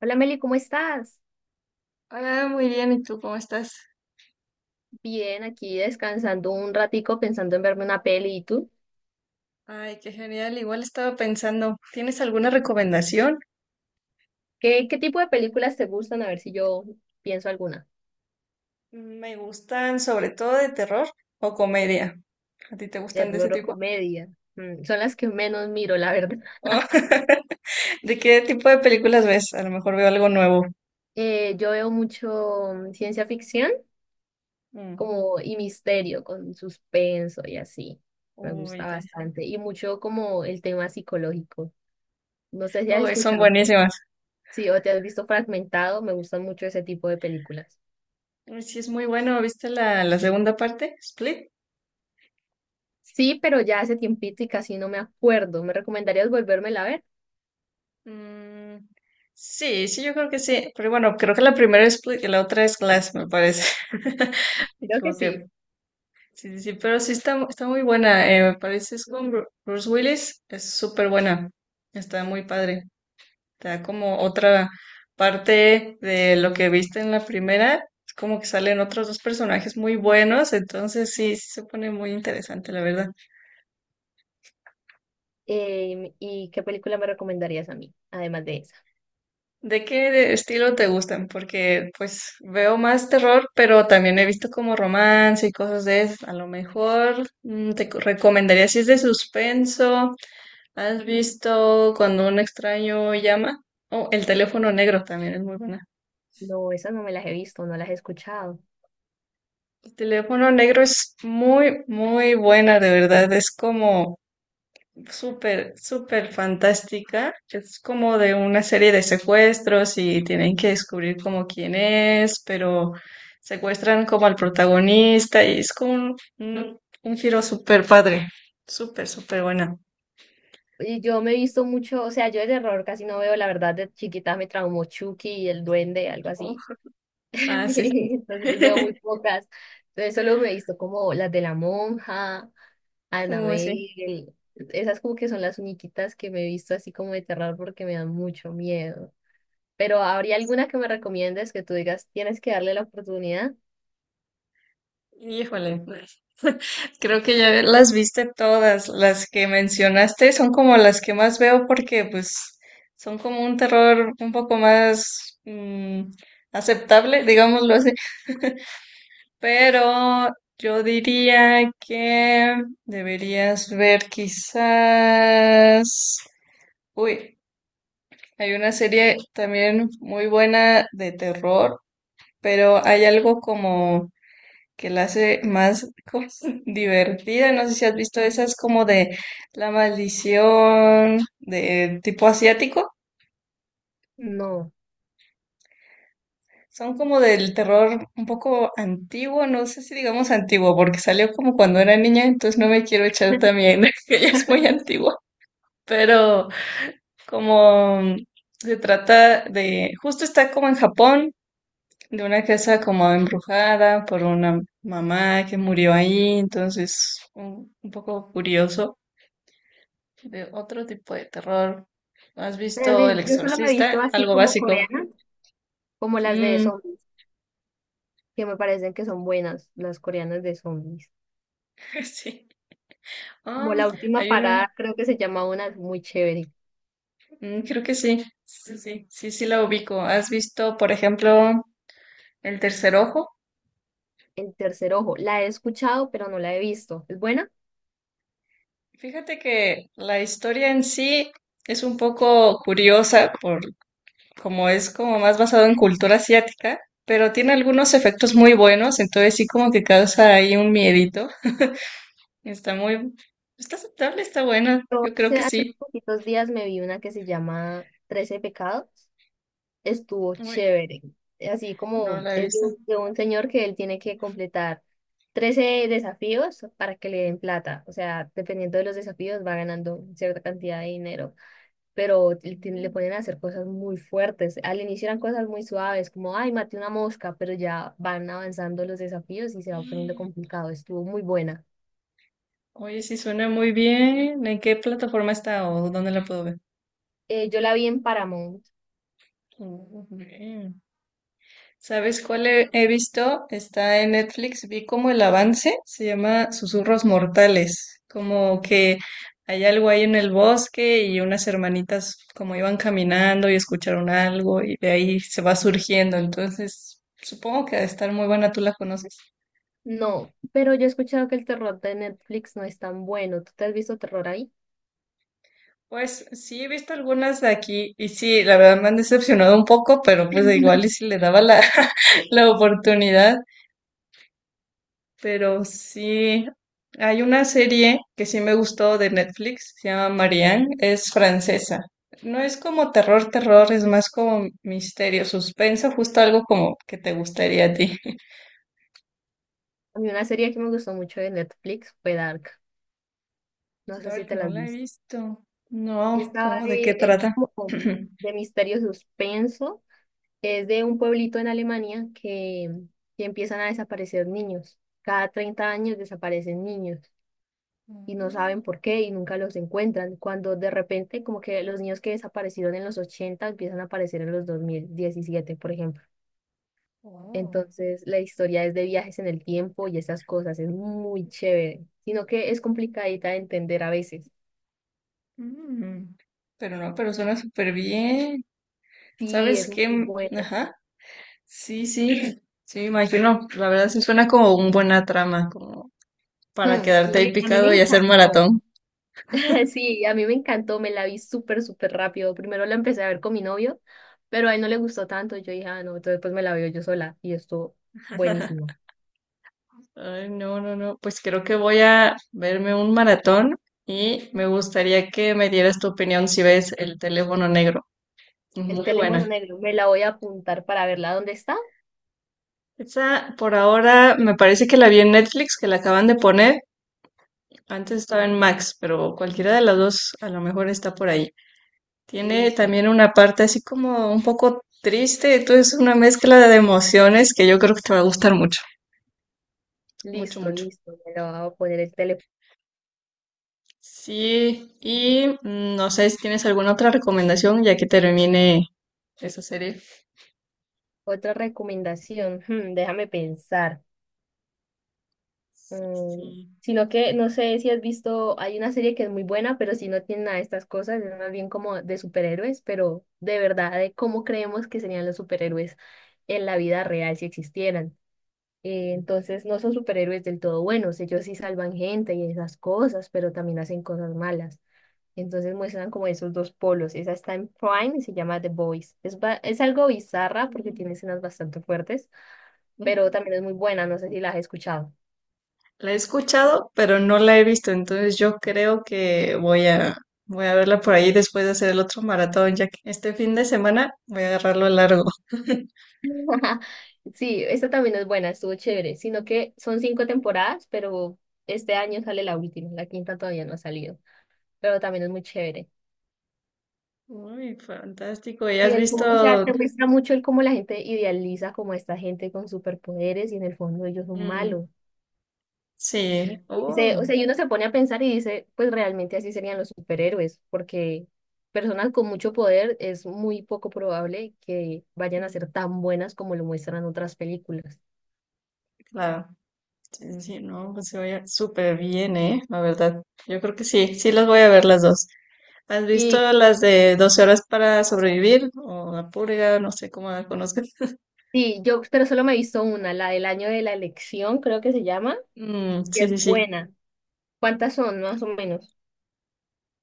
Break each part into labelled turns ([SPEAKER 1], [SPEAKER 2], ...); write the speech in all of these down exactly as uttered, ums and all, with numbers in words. [SPEAKER 1] Hola Meli, ¿cómo estás?
[SPEAKER 2] Ah, muy bien, ¿y tú cómo estás?
[SPEAKER 1] Bien, aquí descansando un ratico pensando en verme una peli. ¿Y tú?
[SPEAKER 2] Ay, qué genial. Igual estaba pensando, ¿tienes alguna recomendación?
[SPEAKER 1] ¿Qué, qué tipo de películas te gustan? A ver si yo pienso alguna.
[SPEAKER 2] Me gustan sobre todo de terror o comedia. ¿A ti te gustan de ese
[SPEAKER 1] Terror o
[SPEAKER 2] tipo?
[SPEAKER 1] comedia. Mm, son las que menos miro, la verdad.
[SPEAKER 2] Ah, ¿De qué tipo de películas ves? A lo mejor veo algo nuevo.
[SPEAKER 1] Eh, yo veo mucho mm, ciencia ficción
[SPEAKER 2] Mm.
[SPEAKER 1] como y misterio con suspenso y así. Me
[SPEAKER 2] Uy,
[SPEAKER 1] gusta
[SPEAKER 2] ya sé.
[SPEAKER 1] bastante. Y mucho como el tema psicológico. No sé si has
[SPEAKER 2] Uy, son
[SPEAKER 1] escuchado,
[SPEAKER 2] buenísimas.
[SPEAKER 1] sí, o te has visto Fragmentado. Me gustan mucho ese tipo de películas.
[SPEAKER 2] Uy, sí, es muy bueno. ¿Viste la, la segunda parte? ¿Split?
[SPEAKER 1] Sí, pero ya hace tiempito y casi no me acuerdo. ¿Me recomendarías volvérmela a ver?
[SPEAKER 2] Mm, sí, sí, yo creo que sí. Pero bueno, creo que la primera es Split y la otra es Glass, me parece. Me
[SPEAKER 1] Creo que
[SPEAKER 2] equivoqué.
[SPEAKER 1] sí.
[SPEAKER 2] Sí, sí, sí, pero sí está, está muy buena, eh, me parece, es con Bru- Bruce Willis, es súper buena, está muy padre, te da como otra parte de lo que viste en la primera, es como que salen otros dos personajes muy buenos, entonces sí, sí se pone muy interesante, la verdad.
[SPEAKER 1] Em, ¿y qué película me recomendarías a mí, además de esa?
[SPEAKER 2] ¿De qué de- estilo te gustan? Porque pues veo más terror, pero también he visto como romance y cosas de esas, a lo mejor mm, te co- recomendaría si es de suspenso. ¿Has visto cuando un extraño llama? Oh, el teléfono negro también es muy buena.
[SPEAKER 1] No, esas no me las he visto, no las he escuchado.
[SPEAKER 2] El teléfono negro es muy, muy buena, de verdad. Es como súper, súper fantástica. Es como de una serie de secuestros y tienen que descubrir como quién es, pero secuestran como al protagonista y es como un, un- un giro súper padre. Súper, súper buena.
[SPEAKER 1] Y yo me he visto mucho, o sea, yo de terror casi no veo, la verdad, de chiquita me traumó Chucky y el duende, algo
[SPEAKER 2] Uf.
[SPEAKER 1] así.
[SPEAKER 2] Ah, sí, sí.
[SPEAKER 1] Entonces veo muy pocas. Entonces solo me he visto como las de La Monja,
[SPEAKER 2] Muy sí.
[SPEAKER 1] Annabelle, esas como que son las únicas que me he visto así como de terror porque me dan mucho miedo. Pero ¿habría alguna que me recomiendes que tú digas, tienes que darle la oportunidad?
[SPEAKER 2] Híjole. Creo que ya las viste todas, las que mencionaste son como las que más veo porque pues son como un terror un poco más mm, aceptable, digámoslo así, pero yo diría que deberías ver quizás... Uy, hay una serie también muy buena de terror, pero hay algo como que la hace más como divertida. No sé si has visto esas como de La Maldición, de tipo asiático.
[SPEAKER 1] No.
[SPEAKER 2] Son como del terror un poco antiguo, no sé si digamos antiguo, porque salió como cuando era niña, entonces no me quiero echar también, que ella es muy antigua. Pero como se trata de, justo está como en Japón, de una casa como embrujada por una mamá que murió ahí, entonces un, un poco curioso de otro tipo de terror. ¿No? ¿Has
[SPEAKER 1] Tal
[SPEAKER 2] visto
[SPEAKER 1] vez.
[SPEAKER 2] El
[SPEAKER 1] Yo solo me he visto
[SPEAKER 2] Exorcista?
[SPEAKER 1] así
[SPEAKER 2] Algo
[SPEAKER 1] como
[SPEAKER 2] básico.
[SPEAKER 1] coreanas como las de
[SPEAKER 2] Mm,
[SPEAKER 1] zombies, que me parecen que son buenas, las coreanas de zombies.
[SPEAKER 2] sí.
[SPEAKER 1] Como
[SPEAKER 2] Um,
[SPEAKER 1] La última
[SPEAKER 2] Hay una.
[SPEAKER 1] parada, creo que se llama, una es muy chévere.
[SPEAKER 2] Mm, creo que sí. Sí, sí. Sí, sí la ubico. ¿Has visto, por ejemplo, El Tercer Ojo?
[SPEAKER 1] El tercer ojo, la he escuchado, pero no la he visto. ¿Es buena?
[SPEAKER 2] Fíjate que la historia en sí es un poco curiosa por como es como más basado en cultura asiática, pero tiene algunos efectos muy buenos, entonces sí como que causa ahí un miedito. Está muy, está aceptable, está buena.
[SPEAKER 1] Yo
[SPEAKER 2] Yo creo
[SPEAKER 1] hace,
[SPEAKER 2] que
[SPEAKER 1] hace unos
[SPEAKER 2] sí.
[SPEAKER 1] poquitos días me vi una que se llama Trece pecados. Estuvo
[SPEAKER 2] Muy.
[SPEAKER 1] chévere. Así
[SPEAKER 2] No
[SPEAKER 1] como
[SPEAKER 2] la he
[SPEAKER 1] es de
[SPEAKER 2] visto.
[SPEAKER 1] un, de un señor que él tiene que completar trece desafíos para que le den plata. O sea, dependiendo de los desafíos va ganando cierta cantidad de dinero. Pero le, tiene- le
[SPEAKER 2] Mm.
[SPEAKER 1] ponen a hacer cosas muy fuertes. Al inicio eran cosas muy suaves, como, ay, maté una mosca, pero ya van avanzando los desafíos y se va poniendo complicado. Estuvo muy buena.
[SPEAKER 2] Oye, sí suena muy bien. ¿En qué plataforma está o dónde la puedo ver?
[SPEAKER 1] Eh, yo la vi en Paramount.
[SPEAKER 2] Mm, bien. ¿Sabes cuál he, he visto? Está en Netflix. Vi como el avance. Se llama Susurros Mortales. Como que hay algo ahí en el bosque y unas hermanitas como iban caminando y escucharon algo y de ahí se va surgiendo. Entonces, supongo que ha de estar muy buena. ¿Tú la conoces?
[SPEAKER 1] No, pero yo he escuchado que el terror de Netflix no es tan bueno. ¿Tú te has visto terror?
[SPEAKER 2] Pues sí, he visto algunas de aquí y sí, la verdad me han decepcionado un poco, pero pues igual y si le daba la, la oportunidad, pero sí, hay una serie que sí me gustó de Netflix, se llama Marianne, es francesa. No es como terror, terror, es más como misterio, suspenso, justo algo como que te gustaría a ti.
[SPEAKER 1] A mí una serie que me gustó mucho de Netflix fue Dark. No sé si
[SPEAKER 2] Dark,
[SPEAKER 1] te la
[SPEAKER 2] no
[SPEAKER 1] has
[SPEAKER 2] la he
[SPEAKER 1] visto.
[SPEAKER 2] visto. No,
[SPEAKER 1] Esta
[SPEAKER 2] ¿cómo de qué
[SPEAKER 1] de, es
[SPEAKER 2] trata?
[SPEAKER 1] como de misterio suspenso. Es de un pueblito en Alemania que, que empiezan a desaparecer niños. Cada treinta años desaparecen niños y no
[SPEAKER 2] Mm,
[SPEAKER 1] saben por qué y nunca los encuentran. Cuando de repente como que los niños que desaparecieron en los ochenta empiezan a aparecer en los dos mil diecisiete, por ejemplo.
[SPEAKER 2] wow.
[SPEAKER 1] Entonces, la historia es de viajes en el tiempo y esas cosas, es muy chévere, sino que es complicadita de entender a veces.
[SPEAKER 2] Mm, pero no, pero suena súper bien.
[SPEAKER 1] Sí,
[SPEAKER 2] ¿Sabes
[SPEAKER 1] es muy
[SPEAKER 2] qué? M-
[SPEAKER 1] buena.
[SPEAKER 2] Ajá. Sí, sí, sí, me imagino. La verdad sí suena como una buena trama, como
[SPEAKER 1] Hmm,
[SPEAKER 2] para
[SPEAKER 1] A mí
[SPEAKER 2] quedarte ahí
[SPEAKER 1] me, a mí me
[SPEAKER 2] picado y hacer
[SPEAKER 1] encantó.
[SPEAKER 2] maratón.
[SPEAKER 1] Sí, a mí me encantó, me la vi súper, súper rápido. Primero la empecé a ver con mi novio, pero a él no le gustó tanto. Yo dije, ah, no, entonces pues me la veo yo sola y estuvo buenísimo.
[SPEAKER 2] Ay, no, no, no. Pues creo que voy a verme un maratón y me gustaría que me dieras tu opinión si ves El teléfono negro.
[SPEAKER 1] El
[SPEAKER 2] Muy
[SPEAKER 1] teléfono
[SPEAKER 2] buena.
[SPEAKER 1] negro, me la voy a apuntar para verla. ¿Dónde está?
[SPEAKER 2] Esa por ahora me parece que la vi en Netflix, que la acaban de poner. Antes estaba en Max, pero cualquiera de las dos a lo mejor está por ahí. Tiene
[SPEAKER 1] Listo,
[SPEAKER 2] también una parte así como un poco triste, entonces es una mezcla de emociones que yo creo que te va a gustar mucho, mucho,
[SPEAKER 1] listo,
[SPEAKER 2] mucho.
[SPEAKER 1] listo. Me la voy a poner el teléfono.
[SPEAKER 2] Sí, y mm, no sé si tienes alguna otra recomendación ya que termine esa serie.
[SPEAKER 1] Otra recomendación, hmm, déjame pensar.
[SPEAKER 2] Sí,
[SPEAKER 1] Mm,
[SPEAKER 2] sí.
[SPEAKER 1] Sino que no sé si has visto, hay una serie que es muy buena, pero si no tiene nada de estas cosas, es más bien como de superhéroes, pero de verdad, de cómo creemos que serían los superhéroes en la vida real si existieran. Eh, entonces, no son superhéroes del todo buenos, ellos sí salvan gente y esas cosas, pero también hacen cosas malas. Entonces muestran como esos dos polos. Esa está en Prime y se llama The Boys. Es, ba- es algo bizarra porque tiene
[SPEAKER 2] Mm.
[SPEAKER 1] escenas bastante fuertes, pero también es muy buena, no sé si la has escuchado.
[SPEAKER 2] La he escuchado, pero no la he visto, entonces yo creo que voy a, voy a verla por ahí después de hacer el otro maratón, ya que este fin de semana voy a agarrarlo largo.
[SPEAKER 1] Sí, esta también es buena, estuvo chévere, sino que son cinco temporadas, pero este año sale la última, la quinta todavía no ha salido, pero también es muy chévere.
[SPEAKER 2] Uy, fantástico. ¿Y
[SPEAKER 1] Y
[SPEAKER 2] has
[SPEAKER 1] él, como- o sea,
[SPEAKER 2] visto
[SPEAKER 1] te muestra mucho el cómo la gente idealiza como a esta gente con superpoderes y en el fondo ellos son
[SPEAKER 2] mm,
[SPEAKER 1] malos. Y
[SPEAKER 2] sí,
[SPEAKER 1] dice, o
[SPEAKER 2] oh,
[SPEAKER 1] sea, y uno se pone a pensar y dice, pues realmente así serían los superhéroes, porque personas con mucho poder es muy poco probable que vayan a
[SPEAKER 2] mm,
[SPEAKER 1] ser tan buenas como lo muestran otras películas.
[SPEAKER 2] claro, sí, sí, sí, no, pues se oye súper bien, ¿eh? La verdad, yo creo que sí, sí las voy a ver las dos. ¿Has visto
[SPEAKER 1] Y
[SPEAKER 2] las de Doce horas para sobrevivir o la purga, no sé cómo la conozcas?
[SPEAKER 1] sí, yo, pero solo me he visto una, la del año de la elección, creo que se llama,
[SPEAKER 2] Mm,
[SPEAKER 1] y
[SPEAKER 2] sí,
[SPEAKER 1] es
[SPEAKER 2] sí, sí.
[SPEAKER 1] buena. ¿Cuántas son, más o menos?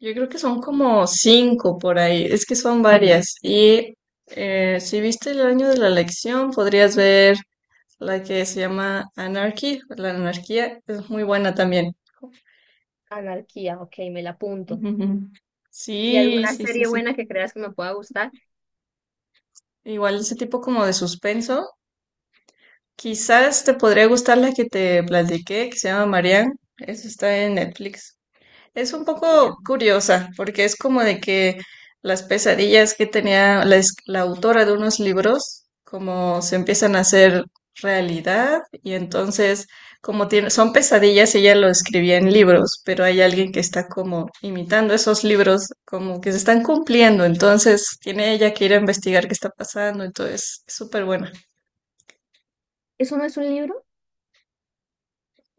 [SPEAKER 2] Yo creo que son como cinco por ahí, es que son varias. Y eh, si viste el año de la elección, podrías ver la que se llama Anarchy, la anarquía, es muy buena también.
[SPEAKER 1] Anarquía, ok, me la apunto.
[SPEAKER 2] Ujú, ujú.
[SPEAKER 1] ¿Y
[SPEAKER 2] Sí,
[SPEAKER 1] alguna
[SPEAKER 2] sí, sí,
[SPEAKER 1] serie
[SPEAKER 2] sí.
[SPEAKER 1] buena que creas que me pueda gustar?
[SPEAKER 2] Igual ese tipo como de suspenso. Quizás te podría gustar la que te platiqué, que se llama Marianne. Esa está en Netflix. Es un poco
[SPEAKER 1] Vayan.
[SPEAKER 2] curiosa, porque es como de que las pesadillas que tenía la, es- la autora de unos libros, como se empiezan a hacer realidad, y entonces, como tiene, son pesadillas, ella lo escribía en libros, pero hay alguien que está como imitando esos libros, como que se están cumpliendo, entonces tiene ella que ir a investigar qué está pasando, entonces es súper buena.
[SPEAKER 1] ¿Eso no es un libro?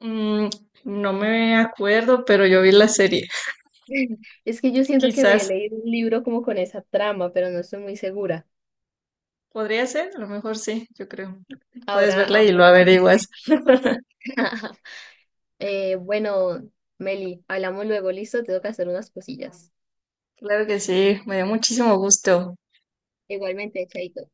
[SPEAKER 2] Mm, no me acuerdo, pero yo vi la serie,
[SPEAKER 1] Es que yo siento que me he
[SPEAKER 2] quizás.
[SPEAKER 1] leído un libro como con esa trama, pero no estoy muy segura.
[SPEAKER 2] Podría ser, a lo mejor sí, yo creo. Puedes
[SPEAKER 1] Ahora,
[SPEAKER 2] verla
[SPEAKER 1] ahora
[SPEAKER 2] y lo
[SPEAKER 1] me
[SPEAKER 2] averiguas.
[SPEAKER 1] pusiste. Eh, bueno, Meli, hablamos luego, listo, tengo que hacer unas cosillas.
[SPEAKER 2] Claro que sí, me dio muchísimo gusto.
[SPEAKER 1] Igualmente, chaito.